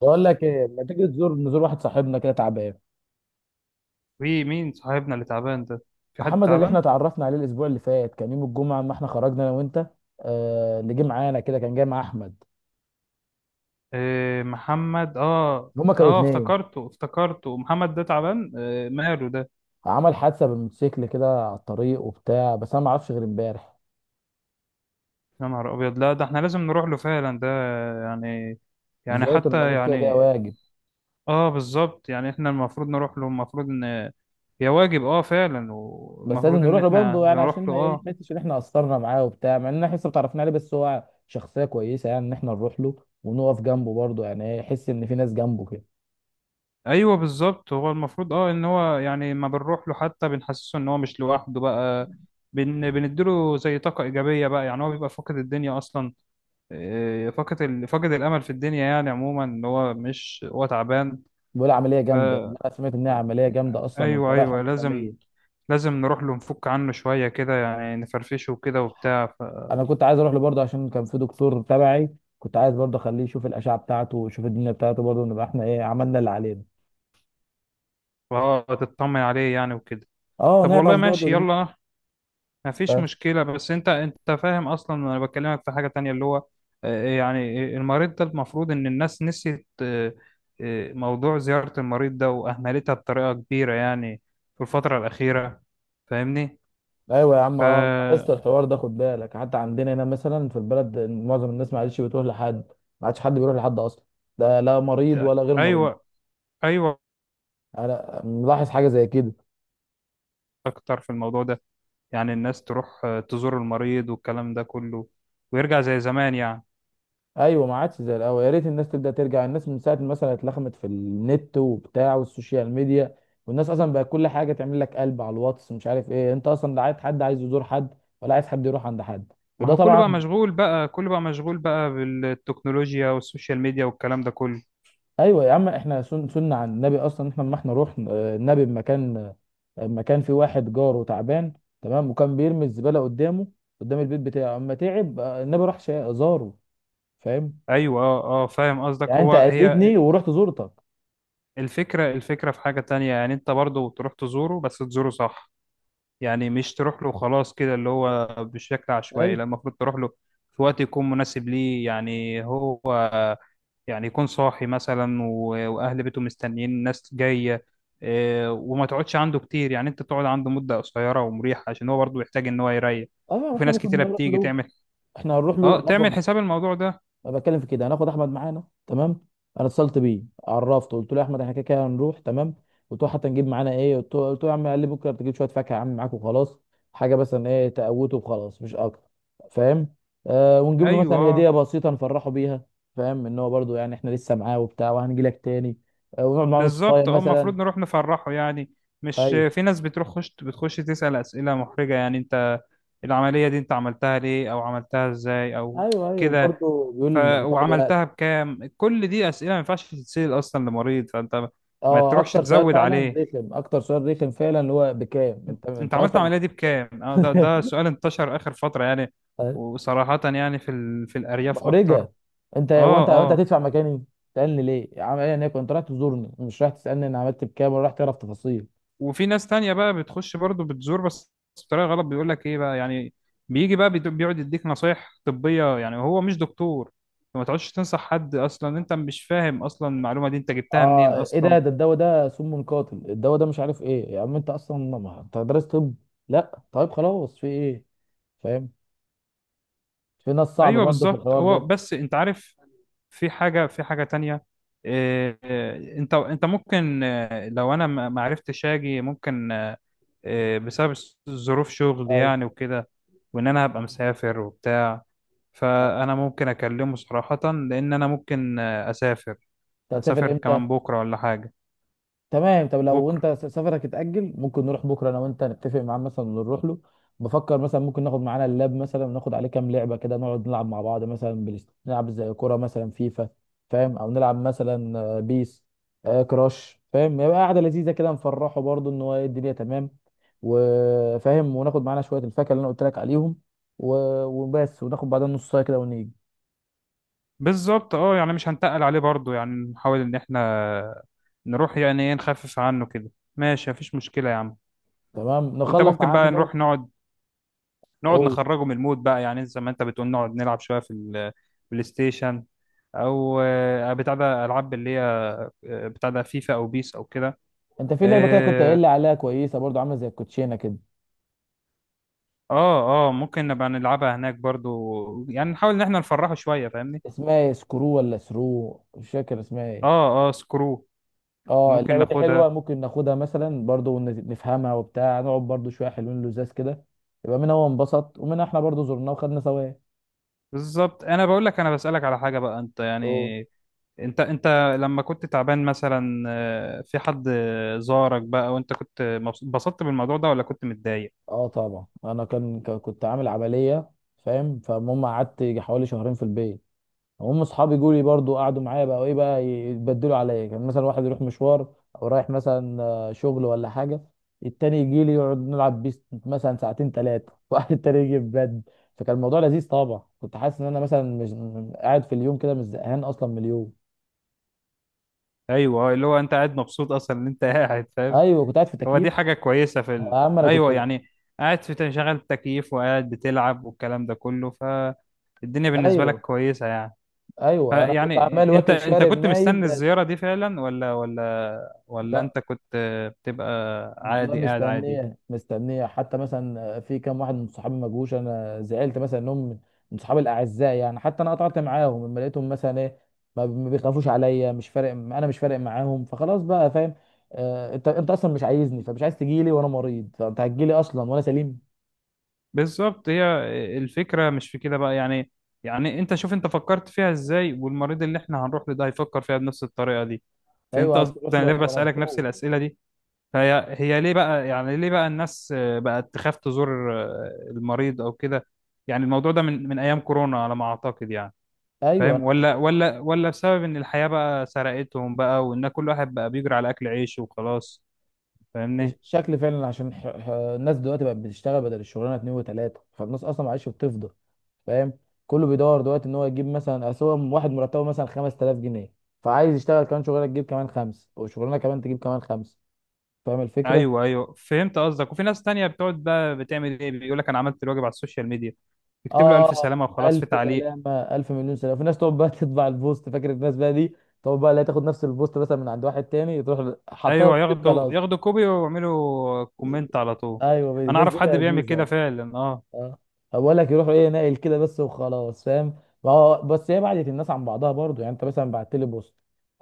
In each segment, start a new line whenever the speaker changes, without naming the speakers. بقول لك ايه، ما تيجي نزور واحد صاحبنا كده تعبان؟
في مين صاحبنا اللي تعبان ده؟ في حد
محمد اللي احنا
تعبان؟
اتعرفنا عليه الاسبوع اللي فات، كان يوم الجمعه ما احنا خرجنا انا وانت. اللي جه معانا كده كان جاي مع احمد.
آه، محمد،
هما كانوا اتنين.
افتكرته افتكرته، محمد ده تعبان؟ آه، ماله ده؟
عمل حادثه بالموتوسيكل كده على الطريق وبتاع، بس انا ما اعرفش غير امبارح.
يا نهار ابيض! لا ده احنا لازم نروح له فعلا ده، يعني يعني
زياره
حتى
المريض كده كده
يعني.
واجب.
اه، بالظبط، يعني احنا المفروض نروح له، المفروض ان هي واجب، اه فعلا،
بس لازم
والمفروض ان
نروح له
احنا
برضه يعني عشان
نروح له
ما ايه
اه.
يحسش ان احنا قصرنا معاه وبتاع، مع ان احنا لسه ما تعرفنا عليه بس هو شخصيه كويسه، يعني ان احنا نروح له ونقف جنبه برضه يعني ايه يحس ان في ناس جنبه كده.
ايوه بالظبط، هو المفروض اه، ان هو يعني ما بنروح له حتى بنحسسه ان هو مش لوحده بقى. بنديله زي طاقة إيجابية بقى، يعني هو بيبقى فاقد الدنيا أصلا. إيه، فاقد فاقد الأمل في الدنيا يعني عموما، إن هو مش، هو تعبان.
بيقول عمليه
ف
جامده، انا سمعت انها عمليه جامده اصلا،
أيوه
وشرائح
أيوه، لازم،
رسميه.
لازم نروح له، نفك عنه شوية كده، يعني نفرفشه وكده وبتاع
انا كنت عايز اروح له برضه عشان كان في دكتور تبعي، كنت عايز برضه اخليه يشوف الاشعه بتاعته ويشوف الدنيا بتاعته، برضه نبقى احنا ايه عملنا اللي علينا.
فهو تطمن عليه يعني وكده.
اه،
طب
نعرف
والله
برضه
ماشي،
دي.
يلا، ما فيش
ف-
مشكلة. بس انت فاهم اصلا انا بكلمك في حاجة تانية اللي هو، آه، آه، يعني، آه، المريض ده المفروض ان الناس نسيت، آه، آه، موضوع زيارة المريض ده واهملتها بطريقة كبيرة يعني في الفترة الأخيرة. فاهمني؟
ايوه يا عم، اه لاحظت
ف
الحوار ده، خد بالك حتى عندنا هنا مثلا في البلد معظم الناس ما عادش بتروح لحد. ما عادش حد بيروح لحد اصلا. لا، لا مريض ولا غير مريض.
ايوه ايوه،
انا ملاحظ حاجه زي كده.
اكتر في الموضوع ده، يعني الناس تروح، آه، تزور المريض والكلام ده كله، ويرجع زي زمان يعني.
ايوه ما عادش زي الاول، يا ريت الناس تبدا ترجع. الناس من ساعه مثلا اتلخمت في النت وبتاع والسوشيال ميديا، والناس اصلا بقى كل حاجه تعمل لك قلب على الواتس مش عارف ايه، انت اصلا لا عايز حد، عايز يزور حد ولا عايز حد يروح عند حد.
ما
وده
هو كله بقى
طبعا.
مشغول بقى، كله بقى مشغول بقى بالتكنولوجيا والسوشيال ميديا والكلام ده كله.
ايوه يا عم، احنا سنة عن النبي اصلا، احنا لما احنا رحنا، النبي بمكان، في واحد جاره تعبان، تمام، وكان بيرمي الزباله قدام البيت بتاعه، اما تعب، النبي راح زاره. فاهم؟
ايوه اه اه، فاهم قصدك.
يعني انت
هو هي،
اذيتني ورحت زورتك.
الفكره في حاجه تانية، يعني انت برضو تروح تزوره بس تزوره صح. يعني مش تروح له خلاص كده اللي هو بشكل عشوائي،
ايوه،
لا، المفروض تروح له في وقت يكون مناسب ليه، يعني هو يعني يكون صاحي مثلا واهل بيته مستنيين ناس جايه. آه، وما تقعدش عنده كتير، يعني انت تقعد عنده مده قصيره ومريحه عشان هو برضو يحتاج ان هو يريح.
اه
وفي
احنا
ناس
ممكن
كتيره
نروح
بتيجي
له.
تعمل،
احنا هنروح له،
اه تعمل
هناخد،
حساب الموضوع ده.
أنا بتكلم في كده. هناخد احمد معانا، تمام. انا اتصلت بيه عرفته، قلت له يا احمد احنا كده كده هنروح، تمام. قلت له حتى نجيب معانا ايه؟ قلت له يا عم، قال لي بكره بتجيب شويه فاكهه يا عم معاك وخلاص. حاجه مثلا ايه تقوته وخلاص، مش اكتر. فاهم؟ آه، ونجيب له
ايوه
مثلا هديه
آه.
بسيطه نفرحه بيها. فاهم ان هو برضه، يعني احنا لسه معاه وبتاع، وهنجي لك تاني. آه، ونقعد معاه نص ساعه
بالظبط، اه المفروض
مثلا.
نروح نفرحه يعني. مش
ايوه،
في ناس بتروح خش بتخش تسأل أسئلة محرجة، يعني انت العملية دي انت عملتها ليه، او عملتها ازاي، او
ايوه، ايوه
كده.
برضه بيقول
ف
لي هتاخد وقت.
وعملتها بكام، كل دي أسئلة ما ينفعش تتسأل اصلا لمريض، فانت ما
اه،
تروحش
اكتر سؤال
تزود
فعلا
عليه.
رخم، اكتر سؤال رخم فعلا، اللي هو بكام. انت
انت
انت
عملت
اصلا
العملية دي بكام؟ اه، ده ده سؤال انتشر آخر فترة يعني.
طيب،
وصراحة يعني في في الأرياف اكتر.
محرجه انت
اه اه.
هتدفع مكاني؟ تسالني ليه يا عم؟ انا كنت رايح تزورني، مش رايح تسالني انا عملت بكام ولا رايح تعرف تفاصيل.
وفي ناس تانية بقى بتخش برضو بتزور بس بطريقة غلط، بيقول لك ايه بقى يعني، بيجي بقى بيقعد يديك نصايح طبية، يعني هو مش دكتور، فما تقعدش تنصح حد اصلا، انت مش فاهم اصلا المعلومة دي انت جبتها منين
اه، ايه ده؟
اصلا.
الدواء ده سم قاتل، الدواء ده مش عارف ايه، يا عم انت اصلا ما انت درست طب؟ لا طيب خلاص في ايه. فاهم؟ في ناس صعبه
ايوه
برضه في
بالظبط،
الحوار
هو
ده.
بس انت عارف، في حاجه، في حاجه تانية. إيه إيه، انت ممكن، آه، لو انا ما ما عرفتش اجي ممكن، آه، آه، بسبب ظروف شغل
ايوه.
يعني وكده، وان انا هبقى مسافر وبتاع.
آه.
فانا ممكن اكلمه صراحه، لان انا ممكن، آه، اسافر،
انت هتسافر
اسافر
امتى؟
كمان بكره ولا حاجه.
تمام، طب لو
بكره
انت سفرك اتأجل، ممكن نروح بكره انا وانت، نتفق معاه مثلا ونروح له. بفكر مثلا ممكن ناخد معانا اللاب مثلا، وناخد عليه كام لعبه كده نقعد نلعب مع بعض، مثلا نلعب زي كوره مثلا فيفا، فاهم، او نلعب مثلا، بيس، كراش، فاهم؟ يبقى قاعده لذيذه كده نفرحه برضه ان هو ايه الدنيا تمام، وفاهم. وناخد معانا شويه الفاكهه اللي انا قلت لك عليهم، وبس، وناخد بعدها نص ساعه كده ونيجي.
بالظبط، اه يعني مش هنتقل عليه برضو، يعني نحاول ان احنا نروح، يعني ايه، نخفف عنه كده. ماشي، مفيش مشكله يا عم.
تمام،
انت
نخلص
ممكن بقى
عنده.
نروح نقعد، نقعد
اوه.
نخرجه من المود بقى، يعني زي ما انت بتقول نقعد نلعب شويه في البلاي ستيشن، او آه، بتاع ده العاب اللي هي، آه، بتاع ده فيفا او بيس او كده.
انت في لعبه كده كنت قايل
اه
لي عليها كويسه برضه، عامله زي الكوتشينه كده.
اه، آه، ممكن نبقى نلعبها هناك برضو، يعني نحاول ان احنا نفرحه شويه فاهمني.
اسمها ايه، سكرو ولا سرو؟ مش فاكر اسمها ايه.
اه اه سكرو،
اه
ممكن
اللعبه دي حلوه،
ناخدها.
ممكن ناخدها مثلا برضو نفهمها وبتاع، نقعد برضو شويه حلوين لزاز كده. يبقى منها هو انبسط، ومنها احنا برضو زرناه وخدنا ثواب.
بالظبط، انا بقول لك، انا بسألك على حاجه بقى. انت
أوه.
يعني، انت لما كنت تعبان مثلا، آه، في حد زارك بقى وانت كنت اتبسطت بالموضوع ده ولا كنت متضايق؟
اه طبعا، انا كان كنت عامل عمليه. فاهم؟ فالمهم قعدت يجي حوالي شهرين في البيت. هم اصحابي جولي برضو قعدوا معايا بقى وايه بقى، يتبدلوا عليا، كان مثلا واحد يروح مشوار او رايح مثلا، شغل ولا حاجه، التاني يجي لي يقعد نلعب بيس مثلا ساعتين ثلاثه، واحد التاني يجي يبدل. فكان الموضوع لذيذ طبعا، كنت حاسس ان انا مثلا مش قاعد في اليوم كده، مش زهقان اصلا من اليوم.
ايوه، آه، اللي هو انت قاعد مبسوط اصلا ان انت قاعد فاهم.
ايوه كنت قاعد في
هو
تكييف.
دي حاجه كويسه في
يا عم انا كنت.
ايوه يعني، قاعد في تشغيل تكييف وقاعد بتلعب والكلام ده كله، فالدنيا بالنسبه لك
ايوه.
كويسه يعني.
ايوه انا كنت عمال
فيعني انت
واكل
انت
شارب
كنت
نايم
مستني
بس.
الزياره دي فعلا ولا ولا ولا
ده،
انت كنت بتبقى
والله
عادي، قاعد عادي؟
مستنيه، مستنيه، حتى مثلا في كام واحد من صحابي ما جوش، انا زعلت مثلا انهم من صحابي الاعزاء يعني، حتى انا قطعت معاهم لما لقيتهم مثلا ايه ما بيخافوش عليا، مش فارق، انا مش فارق معاهم فخلاص بقى، فاهم. آه، انت اصلا مش عايزني، فمش عايز تجيلي وانا مريض، فانت هتجيلي اصلا وانا سليم؟
بالظبط، هي الفكره مش في كده بقى يعني. يعني انت شوف انت فكرت فيها ازاي، والمريض اللي احنا هنروح له ده هيفكر فيها بنفس الطريقه دي. فهمت
ايوه،
قصدي
هتروح
انا
له
ليه
هتبقى
بسالك نفس
مبسوط.
الاسئله دي. فهي هي ليه بقى، يعني ليه بقى الناس، آه، بقت تخاف تزور، آه، المريض او كده. يعني الموضوع ده من ايام كورونا على ما اعتقد يعني،
ايوه،
فاهم؟
انا مش
ولا ولا ولا بسبب ان الحياة بقى سرقتهم بقى، وان كل واحد بقى بيجري على اكل عيشه وخلاص.
مش
فاهمني؟
شكلي فعلا عشان الناس دلوقتي بقت بتشتغل بدل الشغلانه اتنين وتلاته، فالناس اصلا معلش بتفضى. فاهم؟ كله بيدور دلوقتي ان هو يجيب مثلا، اصل هو واحد مرتبه مثلا 5000 جنيه، فعايز يشتغل كمان شغلانه تجيب كمان خمس، وشغلانه كمان تجيب كمان خمس. فاهم الفكره؟
ايوه ايوه، فهمت قصدك. وفي ناس تانية بتقعد بقى بتعمل ايه، بيقول لك انا عملت الواجب على السوشيال ميديا، يكتب له الف
اه،
سلامة وخلاص
الف
في تعليق.
سلامه، الف مليون سلامه، في ناس تقعد بقى تطبع البوست، فاكر الناس بقى دي. تقعد بقى، لا، تاخد نفس البوست مثلا من عند واحد تاني، تروح حطها
ايوه،
في
ياخدوا
خلاص.
ياخدوا كوبي ويعملوا كومنت على طول.
ايوه
انا
الناس
اعرف
دي
حد بيعمل كده
لذيذه.
فعلا اه.
اه بقول لك يروحوا ايه، ناقل كده بس وخلاص، فاهم؟ ما هو بس هي بعدت الناس عن بعضها برضو، يعني انت مثلا بعت لي بوست،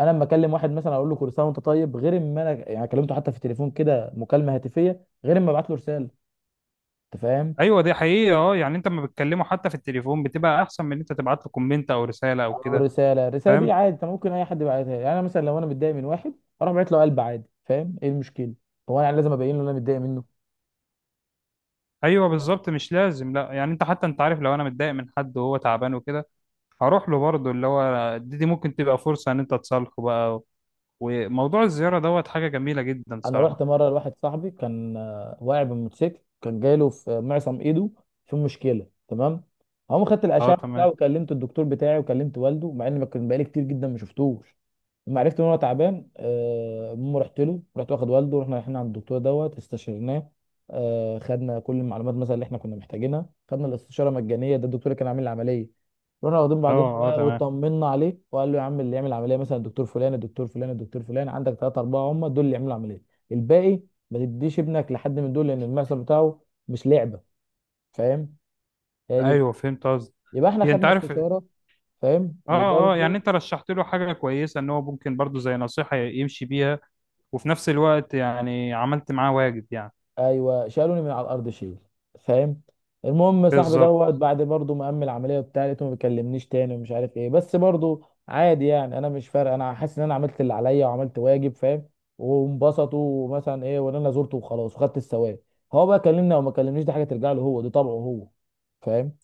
انا لما اكلم واحد مثلا اقول له كل سنه وانت طيب، غير اما انا يعني كلمته حتى في التليفون كده مكالمه هاتفيه، غير اما ابعت له رساله. انت فاهم؟
ايوه دي حقيقه اه، يعني انت لما بتكلمه حتى في التليفون بتبقى احسن من ان انت تبعت له كومنت او رساله او
او
كده
رساله، الرساله دي
فاهم.
عادي انت ممكن اي حد يبعتها لي. يعني انا مثلا لو انا متضايق من واحد، اروح بعت له قلب عادي. فاهم ايه المشكله؟ هو انا يعني لازم ابين له إن انا متضايق منه.
ايوه بالظبط، مش لازم، لا يعني انت حتى انت عارف لو انا متضايق من حد وهو تعبان وكده هروح له برضه، اللي هو دي ممكن تبقى فرصه ان انت تصالحه بقى. وموضوع الزياره دوت حاجه جميله جدا
انا رحت
صراحه.
مره لواحد صاحبي، كان واقع بالموتوسيكل، كان جايله في معصم ايده في مشكله، تمام. هم خدت
اه
الاشعه بتاعه،
تمام.
وكلمت الدكتور بتاعي، وكلمت والده، مع ان ما كان بقالي كتير جدا ما شفتوش. لما عرفت ان هو تعبان، المهم رحت له، رحت واخد والده، رحنا رايحين عند الدكتور دوت استشرناه، خدنا كل المعلومات مثلا اللي احنا كنا محتاجينها، خدنا الاستشاره مجانيه، ده الدكتور اللي كان عامل العمليه. رحنا واخدين
اه
بعضنا
اه
بقى
تمام،
واطمنا عليه، وقال له يا عم اللي يعمل عمليه مثلا الدكتور فلان، الدكتور فلان، الدكتور فلان، عندك ثلاثه اربعه هم دول اللي يعملوا عمليه. الباقي ما تديش ابنك لحد من دول لان المحصل بتاعه مش لعبه، فاهم؟ هي دي.
ايوه فهمت قصدي.
يبقى احنا
هي انت
خدنا
عارف اه.
استشاره، فاهم،
اه يعني
وبرضه.
انت رشحت له حاجه كويسه ان هو ممكن برضه زي نصيحه يمشي بيها، وفي نفس الوقت يعني عملت معاه واجب يعني.
ايوه شالوني من على الارض شيل، فاهم. المهم صاحبي
بالظبط،
دوت بعد برضه ما قام العمليه وبتاع، لقيته ما بيكلمنيش تاني ومش عارف ايه، بس برضه عادي يعني، انا مش فارق، انا حاسس ان انا عملت اللي عليا وعملت واجب، فاهم، وانبسطوا ومثلا ايه، وان انا زرته وخلاص وخدت الثواب. هو بقى كلمني او ما كلمنيش دي حاجه ترجع له هو، دي طبعه هو. فاهم؟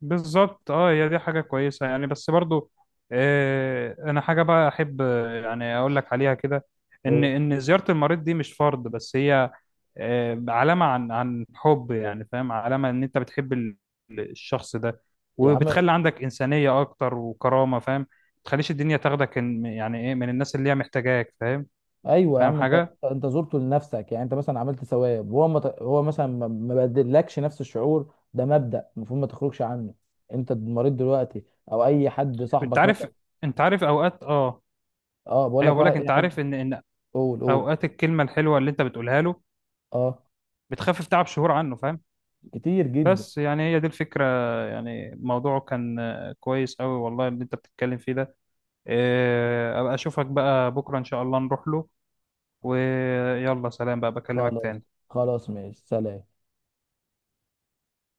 اه، هي دي حاجة كويسة يعني، بس برضو، آه انا حاجة بقى احب، آه، يعني اقول لك عليها كده. ان
هو
ان زيارة المريض دي مش فرض، بس هي، آه، علامة عن عن حب، يعني فاهم، علامة ان انت بتحب الشخص ده،
يا عم،
وبتخلي عندك إنسانية اكتر وكرامة، فاهم، ما تخليش الدنيا تاخدك يعني ايه، من الناس اللي هي محتاجاك، فاهم؟
ايوه يا
فاهم
عم انت
حاجة،
انت زرته لنفسك، يعني انت مثلا عملت ثواب، وهو ما هو مثلا ما بدلكش نفس الشعور، ده مبدأ المفروض ما تخرجش عنه. انت مريض دلوقتي او اي حد
انت
صاحبك
عارف
مثلا.
انت عارف اوقات اه،
اه بقول لك
ايوه بقول
بقى
لك،
اي
انت
حد.
عارف ان ان
قول، قول.
اوقات الكلمة الحلوة اللي انت بتقولها له
اه،
بتخفف تعب شهور عنه فاهم.
كتير جدا.
بس يعني هي دي الفكرة. يعني موضوعه كان آه، كويس قوي والله اللي انت بتتكلم فيه ده. آه، ابقى اشوفك بقى بكرة ان شاء الله نروح له. ويلا سلام بقى، بكلمك
خلاص،
تاني.
خلاص ماشي، سلام.